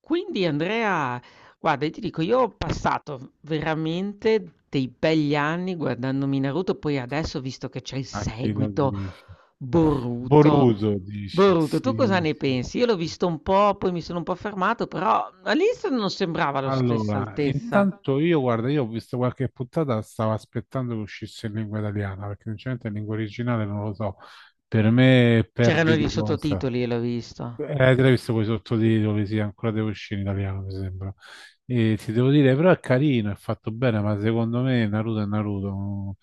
Quindi Andrea, guarda, io ti dico, io ho passato veramente dei begli anni guardandomi Naruto, poi adesso visto che c'è il A chi lo seguito, dici? Boruto. Boruto dici? Boruto, tu cosa Sì, ne sì. pensi? Io l'ho visto un po', poi mi sono un po' fermato, però all'inizio non sembrava la stessa Allora, altezza. intanto io, guarda, io ho visto qualche puntata, stavo aspettando che uscisse in lingua italiana, perché sinceramente in lingua originale non lo so. Per me C'erano perde gli di cosa. sottotitoli e l'ho visto. Te l'hai visto con i sottotitoli, sì, ancora devo uscire in italiano, mi sembra. E ti devo dire, però è carino, è fatto bene, ma secondo me Naruto è Naruto, non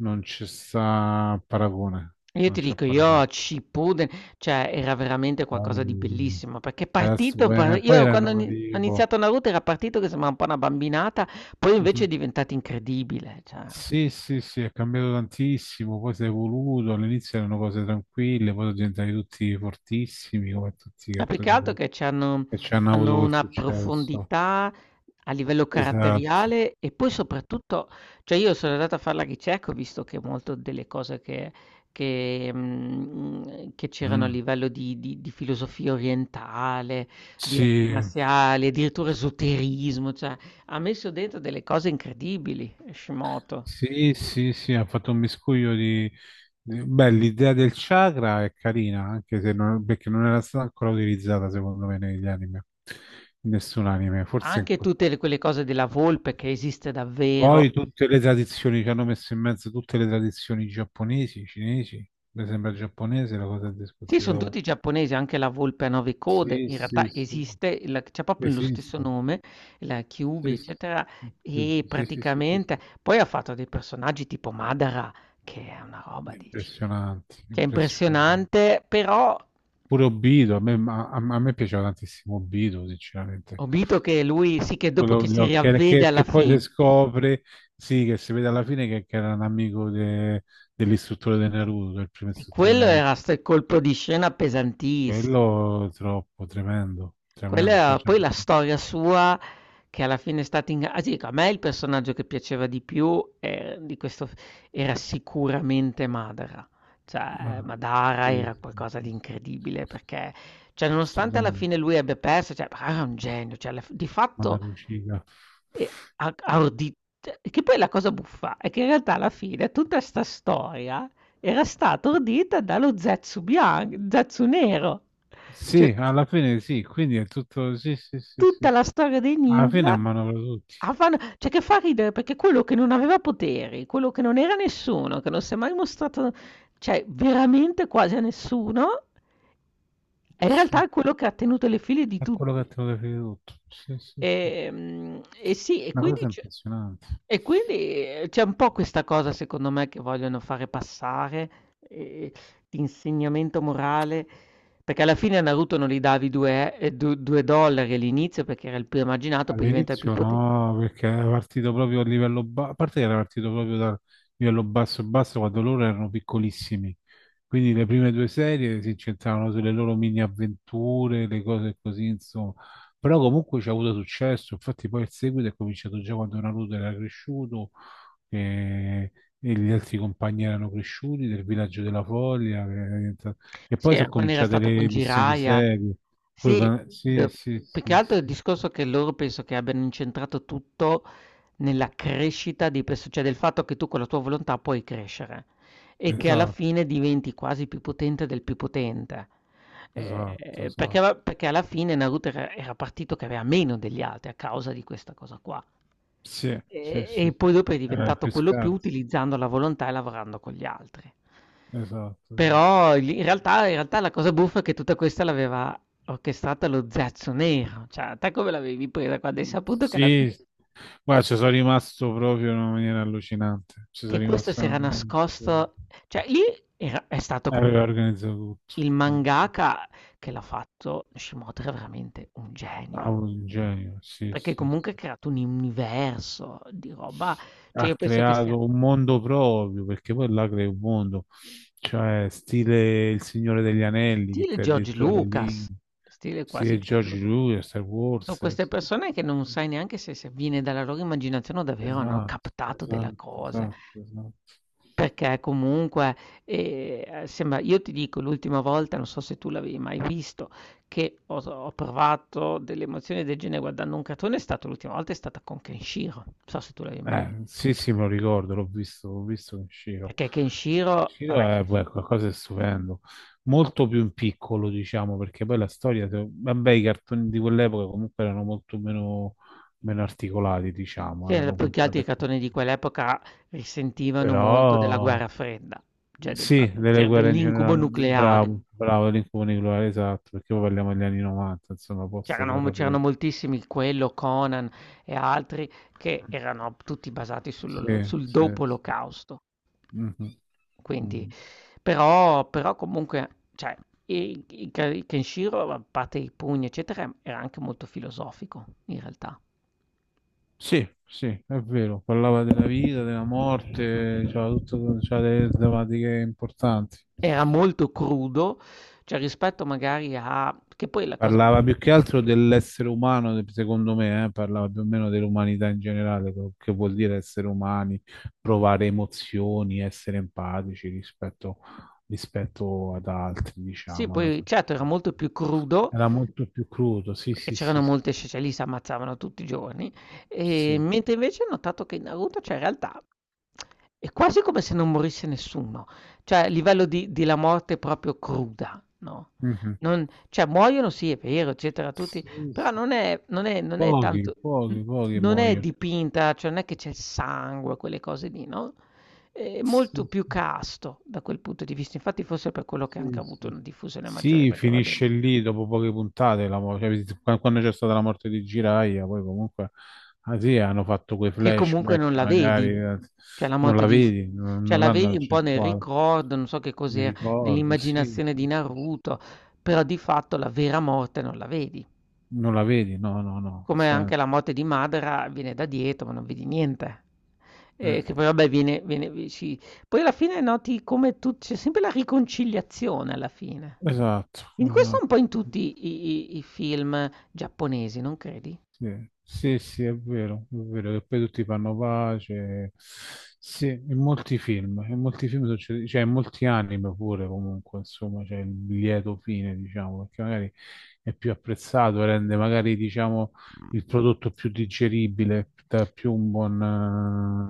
ci sta paragone, Io non ti c'è dico, io a paragone. Shippuden, cioè era veramente qualcosa di Poi, bellissimo, perché è partito, poi io era il quando 9 ho vivo. iniziato Naruto era partito che sembrava un po' una bambinata, poi invece Mhm. è diventato incredibile, cioè. Sì, sì, sì, è cambiato tantissimo, poi si è evoluto, all'inizio erano cose tranquille, poi sono diventati tutti fortissimi, come tutti i Ma più che altro cartoni che c'hanno che ci hanno avuto hanno quel una successo. profondità a livello Esatto. caratteriale e poi soprattutto, cioè, io sono andato a fare la ricerca, ho visto che molto delle cose che c'erano a Mm. livello di filosofia orientale, di arti Sì, marziali, addirittura esoterismo, cioè ha messo dentro delle cose incredibili Hashimoto. sì, sì, sì, ha fatto un miscuglio di. Beh, l'idea del chakra è carina, anche se non, perché non era stata ancora utilizzata, secondo me, negli anime, in nessun anime, forse in. Anche tutte le quelle cose della volpe che esiste davvero. Poi tutte le tradizioni ci hanno messo in mezzo tutte le tradizioni giapponesi, cinesi, mi sembra giapponese la cosa del Sì, discorso son della U. tutti giapponesi, anche la volpe a 9 code Sì, in realtà sì, sì, esiste, il c'ha proprio lo stesso esiste. nome, la Kyuubi, Sì, sì, eccetera, di più. e Sì, sì, sì, sì, praticamente sì. poi ha fatto dei personaggi tipo Madara, che è una roba dici Impressionante, cioè impressionante. impressionante, però Pure Obito, a, me, a, a me piaceva tantissimo Obito, sinceramente. ho visto che lui sì, che dopo Quello- che si lo- che, riavvede che- alla che poi si fin. scopre, sì, che si vede alla fine che era un amico dell'istruttore di Naruto, del primo Sì, istruttore di quello Naruto. era 'sto colpo di scena pesantissimo. Quello è troppo tremendo, tremendo. Cioè, Quella cioè, poi la storia sua che alla fine è stata inga, ah, ti dico, a me il personaggio che piaceva di più, di questo f era sicuramente Madara. Cioè, ma, Madara eh, era qualcosa di incredibile perché, cioè, sto nonostante alla bene, fine lui abbia perso, cioè, Madara era un genio, cioè, alla f di ma da fatto, Lucia. ehm, ha ordi, cioè, che poi la cosa buffa è che in realtà alla fine tutta 'sta storia era stata ordita dallo Zetsu nero. Cioè, Sì, alla fine sì, quindi è tutto, sì, sì, sì, sì, tutta sì. la storia dei Alla fine a ninja mano tutti. a fan, cioè che fa ridere perché quello che non aveva poteri, quello che non era nessuno, che non si è mai mostrato, cioè veramente quasi a nessuno, e in Sì, realtà è quello che ha tenuto le file di è quello che tutti. te lo definito tutto. Sì, sì, sì, sì. E sì, e Una quindi cosa impressionante. e quindi, c'è un po' questa cosa secondo me che vogliono fare passare, di insegnamento morale, perché alla fine a Naruto non gli davi 2 e du 2 dollari all'inizio perché era il più emarginato, poi diventa il più All'inizio pote. no, perché era partito proprio a livello basso, a parte che era partito proprio da livello basso e basso quando loro erano piccolissimi, quindi le prime due serie si incentravano sulle loro mini avventure, le cose così, insomma, però comunque ci ha avuto successo, infatti poi il seguito è cominciato già quando Naruto era cresciuto e, e gli altri compagni erano cresciuti del villaggio della Foglia, che era diventato, e Sì, poi sono era quando era cominciate stato con le missioni Jiraiya. serie. Pure Sì, sì, d sì, più che sì, altro sì. il discorso che loro penso che abbiano incentrato tutto nella crescita di perso, cioè del fatto che tu con la tua volontà puoi crescere e che alla Esatto. fine diventi quasi più potente del più potente. Esatto, esatto. Perché alla fine Naruto era, era partito che aveva meno degli altri a causa di questa cosa qua. Sì, sì, E sì, poi dopo è era il diventato più quello più scarso. utilizzando la volontà e lavorando con gli altri. Esatto, esatto. Però lì in realtà la cosa buffa è che tutta questa l'aveva orchestrata lo Zaczo Nero, cioè a te come l'avevi presa quando hai saputo che alla fine Sì, guarda, ci sono rimasto proprio in una maniera allucinante. Ci sono che questo rimasto si in una era maniera. nascosto, cioè lì è stato comunque Aveva organizzato tutto. il mangaka che l'ha fatto, Shimoto era veramente un genio, Bravo, un genio, sì, perché sì, sì. comunque ha creato un universo di roba, cioè io Ha penso che sia creato un mondo proprio, perché poi là crea un mondo. Cioè, stile Il Signore degli Anelli, che stile crea George addirittura le Lucas, lingue. stile quasi Stile George George Lucas. Lucas, Star Son Wars. queste Sì. persone che non sai neanche se viene dalla loro immaginazione o davvero hanno Esatto, captato della esatto, cosa, esatto, esatto. perché comunque, sembra, io ti dico l'ultima volta, non so se tu l'avevi mai visto, che ho provato delle emozioni del genere guardando un cartone è stato l'ultima volta è stata con Kenshiro. Non so se tu l'avevi mai vi, Sì, sì, me lo ricordo, l'ho visto in Shiro. perché Kenshiro Shiro vabbè è, Kenshi, beh, qualcosa di stupendo, molto più in piccolo, diciamo, perché poi la storia, vabbè, i cartoni di quell'epoca comunque erano molto meno, meno articolati, diciamo, sì, erano più che altro i puntate più. cartoni di quell'epoca risentivano Però, molto della guerra fredda, cioè del sì, fatto delle c'era guerre in dell'incubo generale, nucleare. bravo, bravo, l'incubo nucleare, esatto, perché poi parliamo degli anni 90, insomma, post guerra C'erano fredda. moltissimi, quello, Conan e altri, che erano tutti basati Sì, sul sì, dopo sì. l'olocausto. Mhm, Quindi mhm. però comunque, cioè, i Kenshiro, a parte i pugni eccetera, era anche molto filosofico in realtà. Sì, sì, è vero, parlava della vita, della morte, c'era tutto, c'era delle tematiche importanti. Era molto crudo, cioè rispetto magari a che poi la cosa, Parlava più che altro dell'essere umano, secondo me, parlava più o meno dell'umanità in generale, quello che vuol dire essere umani, provare emozioni, essere empatici rispetto, rispetto ad altri, sì, diciamo, alla poi certo era società. molto più crudo. Era molto più crudo, sì, Perché sì, sì, c'erano sì. molte scese lì s'ammazzavano tutti i giorni, Sì. mentre invece ho notato che in Naruto, cioè in realtà è quasi come se non morisse nessuno, cioè a livello di la morte proprio cruda, no, Mhm. non, cioè muoiono sì è vero eccetera tutti, Sì, però sì. non è Pochi, tanto, n pochi, pochi non è muoiono. dipinta, cioè non è che c'è il sangue, quelle cose lì, no, è molto Sì, più casto da quel punto di vista, infatti forse è per quello che ha anche sì, avuto sì, una sì. diffusione maggiore, Sì, perché va bene. finisce lì dopo poche puntate, la cioè, quando c'è stata la morte di Jiraiya, poi comunque, ah sì, hanno fatto quei Che comunque non flashback, la magari vedi. Cioè la non morte la di s vedi, non, cioè non la l'hanno vedi un po' nel accentuato. ricordo, non so che Mi cos'era, ricordo, sì, nell'immaginazione di sì, sì, sì. Naruto, però di fatto la vera morte non la vedi. Non la vedi? No, no, no. Come Sì. anche la morte di Madara viene da dietro, ma non vedi niente. Mm. Che poi vabbè viene viene vi ci, poi alla fine noti come tu c'è sempre la riconciliazione alla fine. Esatto, In questo esatto. un po' in Sì. tutti i film giapponesi, non credi? Sì, sì, sì, è vero che poi tutti fanno pace. Sì, in molti film succede, cioè in molti anime pure comunque, insomma, c'è il lieto fine, diciamo, perché magari è più apprezzato, rende magari, diciamo, il prodotto più digeribile, dà più un buon.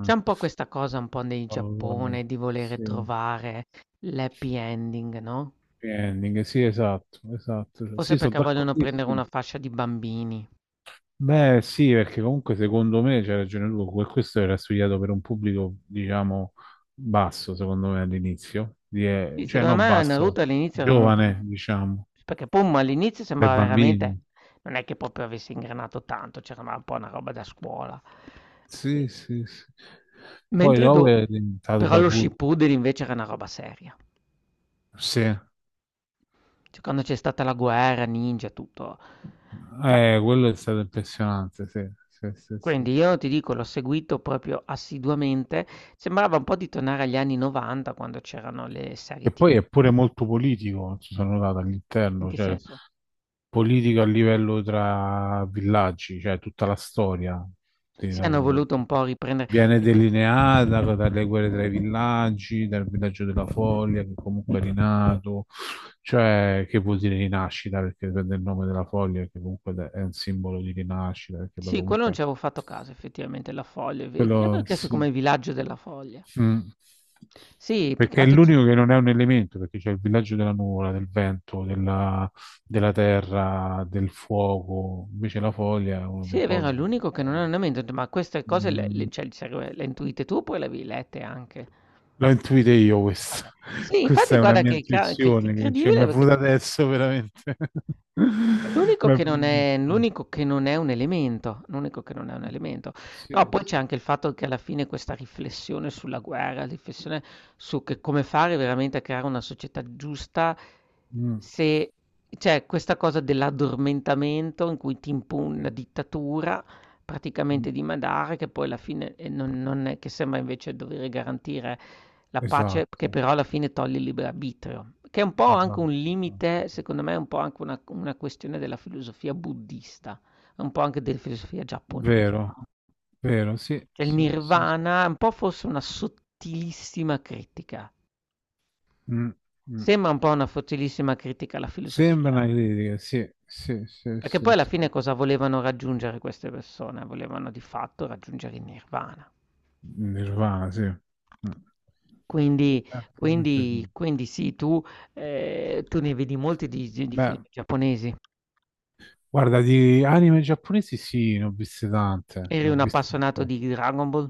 C'è un po' questa cosa un po' nei Oh, vabbè, Giappone di volere sì, trovare l'happy ending, no, happy ending, sì, esatto, esatto. forse Sì, sono perché vogliono prendere d'accordissimo. una fascia di bambini. Beh, sì, perché comunque secondo me c'è ragione tu, questo era studiato per un pubblico, diciamo, basso, secondo me all'inizio, Sì, cioè secondo no, me Naruto basso, all'inizio era molto, giovane, diciamo, perché Pum all'inizio per sembrava veramente bambini. non è che proprio avesse ingranato tanto, c'era ma un po' una roba da scuola. E, Sì, sì, sì. Poi mentre do dopo è diventato però per lo adulti. Shippuden invece era una roba seria. Sì, Cioè quando c'è stata la guerra, ninja, tutto. Cioè, quello è stato impressionante, sì, sì, sì, sì, quindi sì. io ti dico, l'ho seguito proprio assiduamente, sembrava un po' di tornare agli anni '90 quando c'erano le serie E poi TV. è pure molto politico, ci sono notato In all'interno, che cioè senso? politico a livello tra villaggi, cioè tutta la storia di Sì, hanno Naruto. voluto un po' riprendere, Viene cioè que delineata dalle guerre tra i villaggi, dal villaggio della Foglia che comunque è rinato, cioè che vuol dire rinascita perché prende il nome della Foglia che comunque è un simbolo di rinascita perché poi sì, quello non comunque ci avevo fatto caso effettivamente, La Foglia, è ve, io avevo quello chiesto come sì. il villaggio della Foglia. Mm. Sì, più che Perché è altro c l'unico che non è un elemento, perché c'è il villaggio della nuvola, del vento, della, della terra, del fuoco. Invece la foglia è uno sì dei è vero, è pochi. l'unico che non ha un ambiente, ho detto: "Ma queste cose le Mm. cioè il serve le hai intuite tu oppure le avevi lette anche?" L'ho intuita io questa. Okay. Sì, infatti Questa è una guarda mia che ca che intuizione che, cioè, incredibile mi è perché venuta effettiva. adesso veramente. L'unico Ma. che non è l'unico che non è un elemento, l'unico che non è un elemento. No, Sì, poi sì. c'è anche il fatto che alla fine questa riflessione sulla guerra, riflessione su che come fare veramente a creare una società giusta, Mm. se c'è questa cosa dell'addormentamento in cui ti impone una Sì. dittatura Mm. praticamente dimandare, che poi alla fine non, non è che sembra invece dover garantire la pace, che Esatto, però alla fine toglie il libero arbitrio, che è un po' anche esatto, un limite, esatto. secondo me, è un po' anche una questione della filosofia buddista, un po' anche della filosofia giapponese. Vero, No? vero, sì, Cioè il sì, sì. Sì. nirvana è un po' forse una sottilissima critica. Mm, mm. Sembra un po' una sottilissima critica alla Sembra filosofia. una critica, sì, sì, sì, Perché poi sì, alla sì. fine cosa volevano raggiungere queste persone? Volevano di fatto raggiungere il nirvana. Nirvana, sì. Mm. Quindi Probabilmente quindi sì. quindi sì, tu ne vedi molti di film Beh, giapponesi. guarda, di anime giapponesi sì, ne ho viste tante, Eri ne ho un viste un appassionato po'. di Dragon Ball?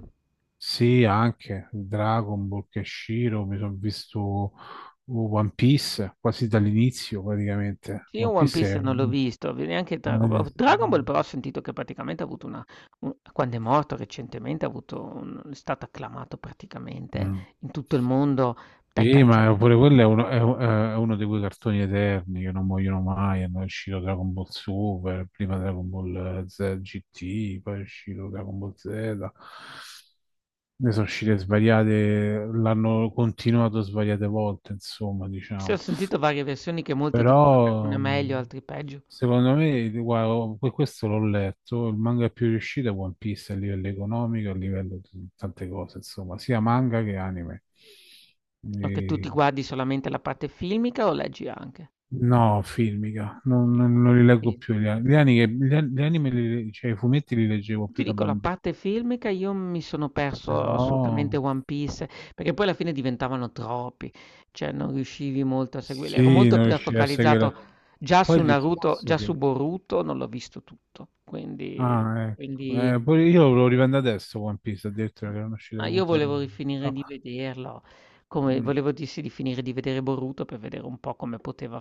Sì, anche Dragon Ball, Kenshiro, mi sono visto One Piece quasi dall'inizio praticamente. Sì, io One One Piece Piece è. non l'ho visto, ve neanche Dragon Ball. Dragon Ball però ho sentito che praticamente ha avuto una, un quando è morto recentemente ha avuto un è stato acclamato praticamente Mm. in tutto il mondo dai Sì, ma calciato, pure quello è uno, è uno di quei cartoni eterni che non muoiono mai. È uscito Dragon Ball Super, prima Dragon Ball Z GT, poi è uscito Dragon Ball Z. Ne sono uscite svariate, l'hanno continuato svariate volte, insomma, sì, ho diciamo. sentito varie versioni che molti dicono che alcune è Però, meglio, altri peggio. secondo me, guarda, questo l'ho letto, il manga più riuscito è One Piece a livello economico, a livello di tante cose, insomma, sia manga che anime. O che tu ti guardi solamente la parte filmica o leggi anche? No, filmica, non, non li leggo Sì. più gli anime, gli an- gli anime li- cioè i fumetti li leggevo Ti più da dico la bambino, parte filmica io mi sono perso assolutamente però One Piece, perché poi alla fine diventavano troppi, cioè non riuscivi molto a seguirli. Ero sì, molto non più è riuscirei a focalizzato vero, seguire. già Poi su il Naruto, già discorso su che. Boruto, non l'ho visto tutto, quindi, Ah, ecco, poi io lo riprendo adesso One Piece, addirittura che erano uscite ma le io puntate. volevo rifinire No, di vederlo, come mm, volevo dirsi di finire di vedere Boruto per vedere un po' come poteva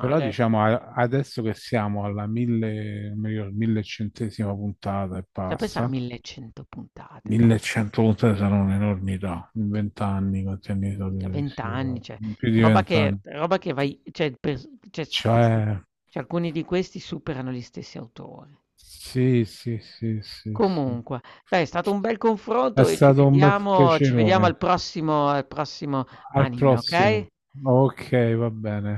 però diciamo adesso che siamo alla mille, non mi ricordo, millecentesima puntata e Da pensare a passa, 1100 puntate, pazzi. 1183 sarà un'enormità, in vent'anni, quanti anni Mhmm, sono Mica che 20 anni, riuscirò? cioè In più di roba che vent'anni. roba che vai cioè pers cioè s questi, Cioè, cioè alcuni di questi superano gli stessi autori. sì, sì, sì, sì, sì. Comunque, dai, è stato un bel È confronto e ci stato un bel vediamo ci vediamo piacerone. al prossimo, Al anime, prossimo. okay? Ok, va bene.